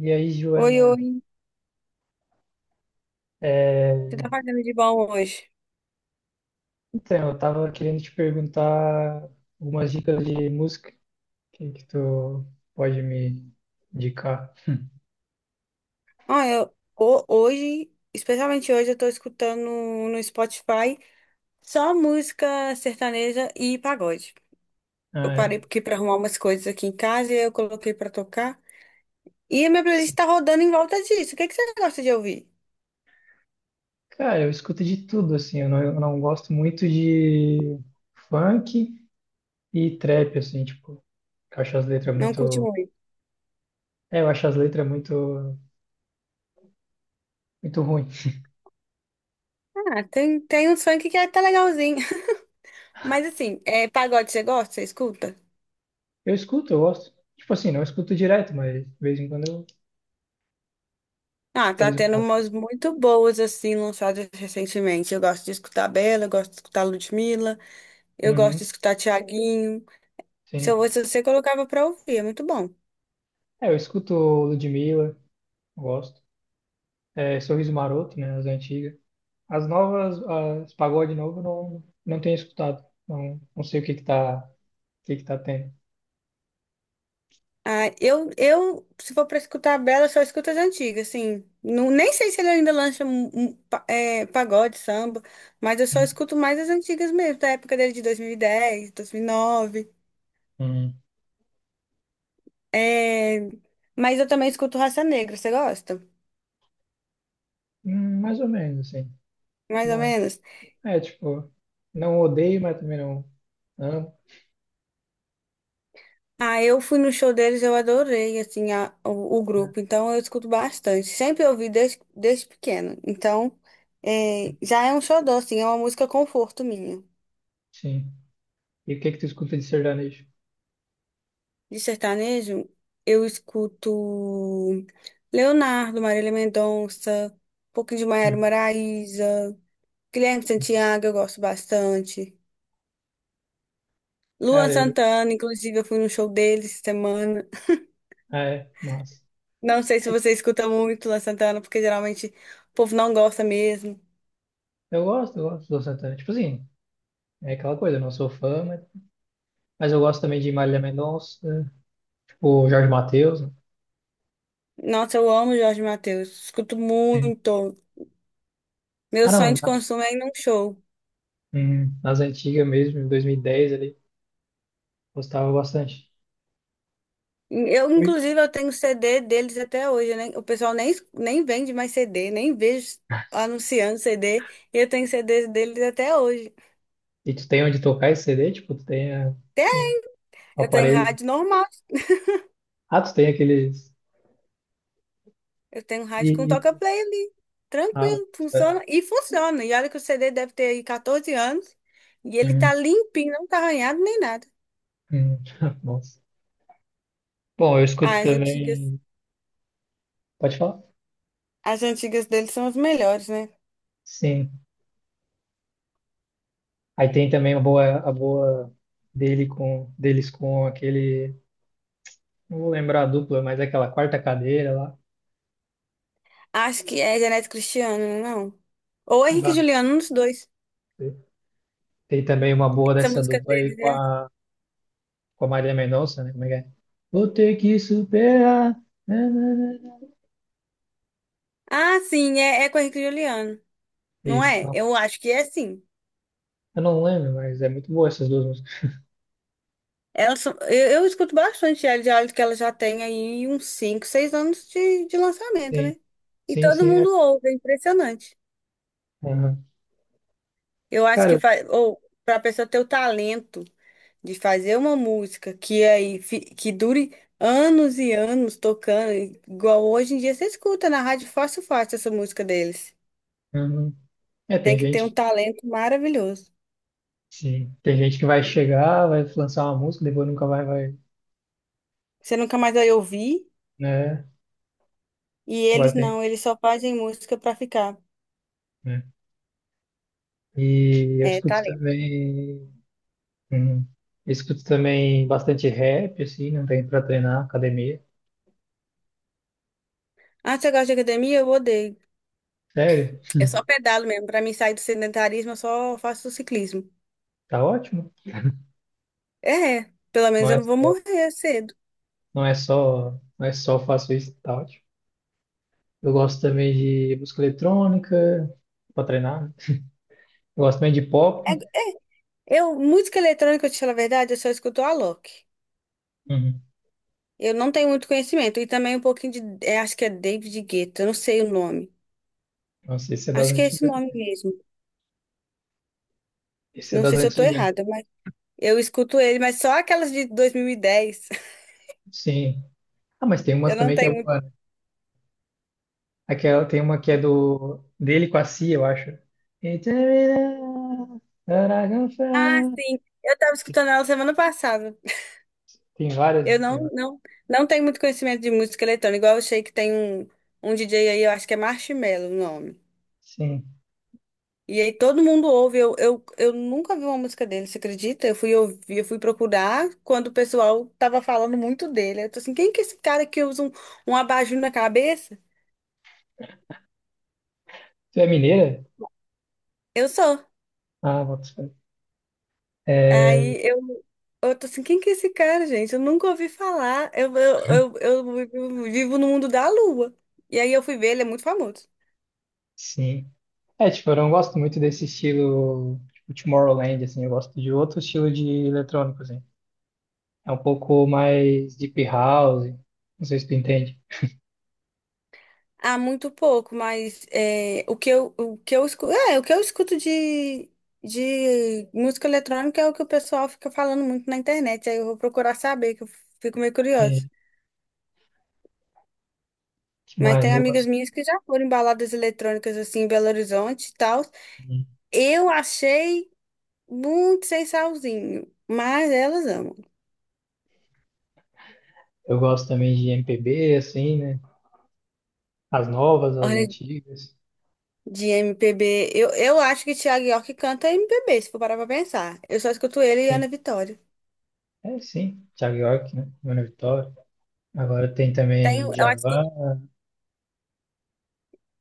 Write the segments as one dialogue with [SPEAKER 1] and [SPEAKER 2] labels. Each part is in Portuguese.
[SPEAKER 1] E aí,
[SPEAKER 2] Oi,
[SPEAKER 1] Joana,
[SPEAKER 2] oi. Você
[SPEAKER 1] é,
[SPEAKER 2] tá fazendo de bom hoje?
[SPEAKER 1] então, eu tava querendo te perguntar algumas dicas de música que tu pode me indicar.
[SPEAKER 2] Hoje, especialmente hoje, eu tô escutando no Spotify só música sertaneja e pagode. Eu
[SPEAKER 1] Ah,
[SPEAKER 2] parei
[SPEAKER 1] é,
[SPEAKER 2] aqui pra arrumar umas coisas aqui em casa e eu coloquei pra tocar. E a minha playlist
[SPEAKER 1] assim,
[SPEAKER 2] tá rodando em volta disso. O que que você gosta de ouvir?
[SPEAKER 1] cara, eu escuto de tudo, assim, eu não gosto muito de funk e trap, assim, tipo, eu acho as letras
[SPEAKER 2] Não curte
[SPEAKER 1] muito...
[SPEAKER 2] muito?
[SPEAKER 1] É, eu acho as letras muito, muito ruim.
[SPEAKER 2] Ah, tem uns funk que tá legalzinho. Mas assim, é, pagode você gosta? Você escuta?
[SPEAKER 1] Eu escuto, eu gosto. Tipo assim, não escuto direto, mas de vez em quando eu
[SPEAKER 2] Ah, tá
[SPEAKER 1] sorriso
[SPEAKER 2] tendo
[SPEAKER 1] maroto.
[SPEAKER 2] umas muito boas, assim, lançadas recentemente. Eu gosto de escutar Bela, eu gosto de escutar Ludmilla. Eu gosto
[SPEAKER 1] Uhum,
[SPEAKER 2] de escutar Tiaguinho. Se eu
[SPEAKER 1] sim.
[SPEAKER 2] fosse você, colocava pra ouvir, é muito bom.
[SPEAKER 1] É, eu escuto Ludmilla, gosto. É, Sorriso Maroto, né? As antigas. As novas, as pagode novo, não tenho escutado. Não sei o que que tá, o que que tá tendo.
[SPEAKER 2] Ah, se for pra escutar a Bela, só escuto as antigas, assim. Não, nem sei se ele ainda lança pagode, samba, mas eu só
[SPEAKER 1] Hum,
[SPEAKER 2] escuto mais as antigas mesmo, da época dele de 2010, 2009.
[SPEAKER 1] hum.
[SPEAKER 2] É, mas eu também escuto Raça Negra, você gosta?
[SPEAKER 1] Mais ou menos, assim.
[SPEAKER 2] Mais ou
[SPEAKER 1] Né?
[SPEAKER 2] menos?
[SPEAKER 1] É, tipo, não odeio, mas também não amo.
[SPEAKER 2] Ah, eu fui no show deles, eu adorei, assim, o
[SPEAKER 1] Né?
[SPEAKER 2] grupo. Então, eu escuto bastante. Sempre ouvi desde pequena. Então, é, já é um xodó, assim, é uma música conforto minha.
[SPEAKER 1] Sim. E o que que tu escuta de sertanejo?
[SPEAKER 2] De sertanejo, eu escuto Leonardo, Marília Mendonça, um pouquinho de Maiara
[SPEAKER 1] Hum.
[SPEAKER 2] Maraisa, Guilherme Santiago, eu gosto bastante. Luan
[SPEAKER 1] Cara, eu...
[SPEAKER 2] Santana, inclusive, eu fui no show deles essa semana.
[SPEAKER 1] ah, é, mas...
[SPEAKER 2] Não sei se você escuta muito Luan Santana, porque geralmente o povo não gosta mesmo.
[SPEAKER 1] Eu gosto do Santana. Tipo assim, é aquela coisa, eu não sou fã, mas eu gosto também de Marília Mendonça, tipo Jorge Mateus. Né?
[SPEAKER 2] Nossa, eu amo Jorge Mateus. Escuto
[SPEAKER 1] Sim.
[SPEAKER 2] muito. Meu
[SPEAKER 1] Ah,
[SPEAKER 2] sonho
[SPEAKER 1] não.
[SPEAKER 2] de consumo é ir num show.
[SPEAKER 1] Nas antigas mesmo, em 2010 ele gostava bastante.
[SPEAKER 2] Eu,
[SPEAKER 1] Oi?
[SPEAKER 2] inclusive, eu tenho CD deles até hoje, né? O pessoal nem vende mais CD, nem vejo anunciando CD. E eu tenho CDs deles até hoje.
[SPEAKER 1] E tu tem onde tocar esse CD? Tipo,
[SPEAKER 2] Até
[SPEAKER 1] um
[SPEAKER 2] eu tenho
[SPEAKER 1] aparelho.
[SPEAKER 2] rádio normal.
[SPEAKER 1] Ah, tu tem aqueles.
[SPEAKER 2] Eu tenho rádio com
[SPEAKER 1] E
[SPEAKER 2] toca-play ali.
[SPEAKER 1] ah,
[SPEAKER 2] Tranquilo,
[SPEAKER 1] é.
[SPEAKER 2] funciona. E funciona. E olha que o CD deve ter aí 14 anos. E ele tá
[SPEAKER 1] Hum,
[SPEAKER 2] limpinho, não tá arranhado nem nada.
[SPEAKER 1] hum. Nossa. Bom, eu
[SPEAKER 2] Ah,
[SPEAKER 1] escuto também. Pode falar?
[SPEAKER 2] as antigas deles são as melhores, né?
[SPEAKER 1] Sim. Aí tem também a boa deles com aquele. Não vou lembrar a dupla, mas é aquela quarta cadeira lá.
[SPEAKER 2] Acho que é Janete Cristiano, não? Ou
[SPEAKER 1] Não
[SPEAKER 2] Henrique e
[SPEAKER 1] dá.
[SPEAKER 2] Juliano, um dos dois.
[SPEAKER 1] Tem também uma boa
[SPEAKER 2] Essa
[SPEAKER 1] dessa
[SPEAKER 2] música
[SPEAKER 1] dupla aí
[SPEAKER 2] deles, né?
[SPEAKER 1] com a Marília Mendonça, né? Como é que é? Vou ter que superar. Na, na, na, na.
[SPEAKER 2] Ah, sim, é com Henrique e Juliano. Não
[SPEAKER 1] Isso,
[SPEAKER 2] é?
[SPEAKER 1] nossa.
[SPEAKER 2] Eu acho que é sim.
[SPEAKER 1] Eu não lembro, mas é muito boa essas duas músicas.
[SPEAKER 2] Eu escuto bastante ela, já olho que ela já tem aí uns 5, 6 anos de lançamento,
[SPEAKER 1] Sim,
[SPEAKER 2] né? E
[SPEAKER 1] sim,
[SPEAKER 2] todo
[SPEAKER 1] sim. É.
[SPEAKER 2] mundo ouve, é impressionante.
[SPEAKER 1] Aham.
[SPEAKER 2] Eu acho que
[SPEAKER 1] Cara,
[SPEAKER 2] faz, ou para a pessoa ter o talento de fazer uma música que que dure anos e anos tocando, igual hoje em dia você escuta na rádio fácil fácil essa música deles.
[SPEAKER 1] aham. É,
[SPEAKER 2] Tem
[SPEAKER 1] tem
[SPEAKER 2] que ter um
[SPEAKER 1] gente que,
[SPEAKER 2] talento maravilhoso.
[SPEAKER 1] sim, tem gente que vai chegar, vai lançar uma música, depois nunca vai, vai,
[SPEAKER 2] Você nunca mais vai ouvir,
[SPEAKER 1] né?
[SPEAKER 2] e
[SPEAKER 1] Agora
[SPEAKER 2] eles
[SPEAKER 1] tem,
[SPEAKER 2] não, eles só fazem música pra ficar.
[SPEAKER 1] né? E eu
[SPEAKER 2] É,
[SPEAKER 1] escuto
[SPEAKER 2] talento.
[SPEAKER 1] também, uhum. Eu escuto também bastante rap, assim, não tem pra treinar, academia.
[SPEAKER 2] Ah, você gosta de academia? Eu odeio.
[SPEAKER 1] Sério,
[SPEAKER 2] Eu só pedalo mesmo. Pra mim sair do sedentarismo, eu só faço ciclismo.
[SPEAKER 1] tá ótimo.
[SPEAKER 2] É, pelo
[SPEAKER 1] Não
[SPEAKER 2] menos eu
[SPEAKER 1] é
[SPEAKER 2] não vou
[SPEAKER 1] só
[SPEAKER 2] morrer cedo.
[SPEAKER 1] Não é só, não é só faço isso e tal. Tipo. Eu gosto também de música eletrônica, pra treinar. Né? Eu gosto também de pop.
[SPEAKER 2] É, é. Eu, música eletrônica, eu te falo a verdade, eu só escuto Alok.
[SPEAKER 1] Uhum.
[SPEAKER 2] Eu não tenho muito conhecimento. E também um pouquinho de. É, acho que é David Guetta, eu não sei o nome.
[SPEAKER 1] Nossa, esse é das
[SPEAKER 2] Acho que é esse
[SPEAKER 1] antigas.
[SPEAKER 2] nome mesmo.
[SPEAKER 1] Esse é
[SPEAKER 2] Não
[SPEAKER 1] das
[SPEAKER 2] sei se eu tô
[SPEAKER 1] antigas. Né?
[SPEAKER 2] errada, mas eu escuto ele, mas só aquelas de dois mil e dez.
[SPEAKER 1] Sim. Ah, mas tem umas
[SPEAKER 2] Eu não
[SPEAKER 1] também que é
[SPEAKER 2] tenho muito.
[SPEAKER 1] boa. Né? Aquela, tem uma que é do dele com a Cia, eu acho. Tem várias.
[SPEAKER 2] Ah, sim. Eu estava escutando ela semana passada.
[SPEAKER 1] Tem várias.
[SPEAKER 2] Eu não, não, não tenho muito conhecimento de música eletrônica. Igual eu sei que tem um DJ aí, eu acho que é Marshmello o nome.
[SPEAKER 1] Sim.
[SPEAKER 2] E aí todo mundo ouve. Eu nunca vi uma música dele, você acredita? Eu fui ouvir, eu fui procurar quando o pessoal tava falando muito dele. Eu tô assim, quem que é esse cara que usa um abajur na cabeça?
[SPEAKER 1] Tu é mineira?
[SPEAKER 2] Eu sou.
[SPEAKER 1] Ah, bota fé. É,
[SPEAKER 2] Aí eu tô assim, quem que é esse cara, gente? Eu nunca ouvi falar. Eu vivo vivo no mundo da lua. E aí eu fui ver, ele é muito famoso.
[SPEAKER 1] sim. É, tipo, eu não gosto muito desse estilo, tipo, Tomorrowland, assim, eu gosto de outro estilo de eletrônico, assim. É um pouco mais deep house, não sei se tu entende.
[SPEAKER 2] Ah, muito pouco, mas é, o que eu escuto, é, o que eu escuto de música eletrônica é o que o pessoal fica falando muito na internet. Aí eu vou procurar saber, que eu fico meio
[SPEAKER 1] É,
[SPEAKER 2] curiosa.
[SPEAKER 1] que
[SPEAKER 2] Mas
[SPEAKER 1] mais
[SPEAKER 2] tem
[SPEAKER 1] eu
[SPEAKER 2] amigas
[SPEAKER 1] gosto?
[SPEAKER 2] minhas que já foram em baladas eletrônicas assim em Belo Horizonte e tal. Eu achei muito sem salzinho, mas elas amam.
[SPEAKER 1] Eu gosto também de MPB, assim, né? As novas, as
[SPEAKER 2] Olha,
[SPEAKER 1] antigas.
[SPEAKER 2] de MPB, eu acho que Thiago York canta MPB, se for parar pra pensar. Eu só escuto ele e
[SPEAKER 1] Tem-
[SPEAKER 2] Ana Vitória.
[SPEAKER 1] é, sim, Thiago York, né? Mano Vitória. Agora tem
[SPEAKER 2] Tem,
[SPEAKER 1] também Djavan,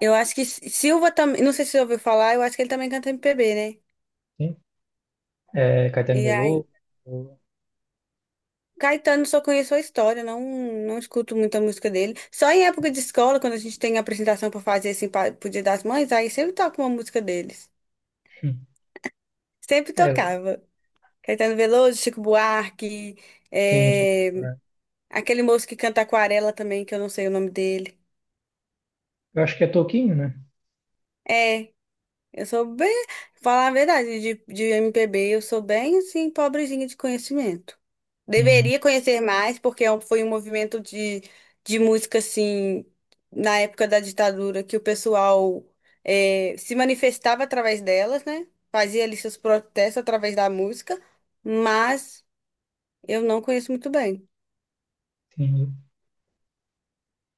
[SPEAKER 2] eu acho que Silva também, não sei se você ouviu falar, eu acho que ele também canta MPB, né?
[SPEAKER 1] sim. É, Caetano
[SPEAKER 2] E aí,
[SPEAKER 1] Veloso.
[SPEAKER 2] Caetano só conheço a história, não escuto muita música dele. Só em época de escola, quando a gente tem apresentação pra fazer assim, pro Dia das Mães, aí sempre toca uma música deles.
[SPEAKER 1] Hum,
[SPEAKER 2] Sempre
[SPEAKER 1] É,
[SPEAKER 2] tocava. Caetano Veloso, Chico Buarque,
[SPEAKER 1] sim, deixa eu
[SPEAKER 2] é,
[SPEAKER 1] lembrar.
[SPEAKER 2] aquele moço que canta Aquarela também, que eu não sei o nome dele.
[SPEAKER 1] Eu acho que é Toquinho, né?
[SPEAKER 2] É, eu sou bem, falar a verdade, de MPB, eu sou bem assim, pobrezinha de conhecimento.
[SPEAKER 1] Hum,
[SPEAKER 2] Deveria conhecer mais, porque é um- foi um movimento de música assim, na época da ditadura, que o pessoal se manifestava através delas, né? Fazia ali seus protestos através da música, mas eu não conheço muito bem.
[SPEAKER 1] entendi.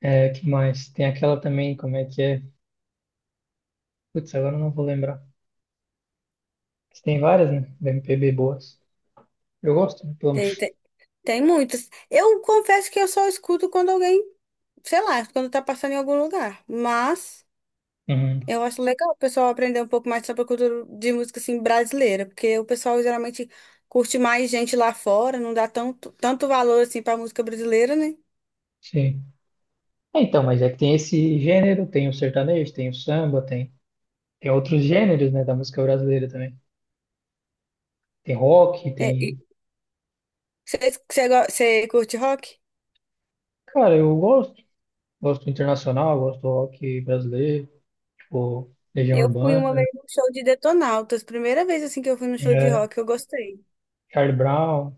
[SPEAKER 1] É, que mais? Tem aquela também, como é que é? Putz, agora eu não vou lembrar. Mas tem várias, né? Da MPB boas. Eu gosto, né, pelo
[SPEAKER 2] Tem,
[SPEAKER 1] menos.
[SPEAKER 2] tem, tem muitas. Eu confesso que eu só escuto quando alguém, sei lá, quando tá passando em algum lugar, mas.
[SPEAKER 1] Uhum,
[SPEAKER 2] Eu acho legal o pessoal aprender um pouco mais sobre a cultura de música assim brasileira, porque o pessoal geralmente curte mais gente lá fora, não dá tanto, tanto valor assim para música brasileira, né?
[SPEAKER 1] sim. É, então, mas é que tem esse gênero, tem o sertanejo, tem o samba, tem, tem outros gêneros, né, da música brasileira também. Tem rock,
[SPEAKER 2] É,
[SPEAKER 1] tem.
[SPEAKER 2] e você curte rock?
[SPEAKER 1] Cara, eu gosto. Gosto do internacional, gosto do rock brasileiro, tipo, Legião
[SPEAKER 2] Eu fui uma
[SPEAKER 1] Urbana,
[SPEAKER 2] vez num show de Detonautas, primeira vez assim que eu fui num show de
[SPEAKER 1] né?
[SPEAKER 2] rock, eu gostei.
[SPEAKER 1] Charlie Brown.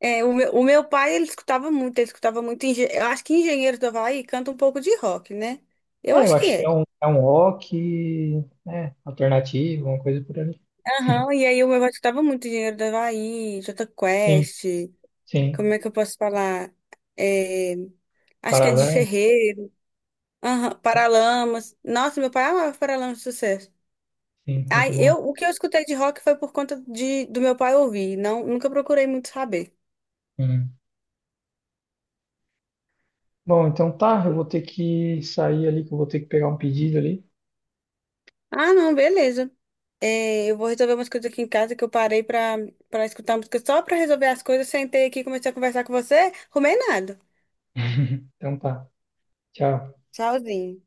[SPEAKER 2] É, o meu pai, ele escutava muito, eu acho que Engenheiros do Havaí canta um pouco de rock, né? Eu
[SPEAKER 1] É, eu
[SPEAKER 2] acho que
[SPEAKER 1] acho que
[SPEAKER 2] é.
[SPEAKER 1] é um rock, né, alternativo, uma coisa por ali.
[SPEAKER 2] Aham, e aí o meu pai escutava muito Engenheiros do Havaí, Jota
[SPEAKER 1] Sim,
[SPEAKER 2] Quest, como
[SPEAKER 1] sim.
[SPEAKER 2] é que eu posso falar? É, acho que é de
[SPEAKER 1] Paralelo?
[SPEAKER 2] Ferreiro, aham,
[SPEAKER 1] Tá?
[SPEAKER 2] Paralamas. Nossa, meu pai amava Paralamas de Sucesso.
[SPEAKER 1] Sim, muito
[SPEAKER 2] Ai
[SPEAKER 1] bom.
[SPEAKER 2] eu, o que eu escutei de rock foi por conta do meu pai ouvir, não, nunca procurei muito saber.
[SPEAKER 1] Uhum. Bom, então tá, eu vou ter que sair ali, que eu vou ter que pegar um pedido ali.
[SPEAKER 2] Ah, não, beleza. É, eu vou resolver umas coisas aqui em casa que eu parei pra, pra escutar música só pra resolver as coisas. Sentei aqui, comecei a conversar com você, arrumei nada.
[SPEAKER 1] Então tá, tchau.
[SPEAKER 2] Tchauzinho.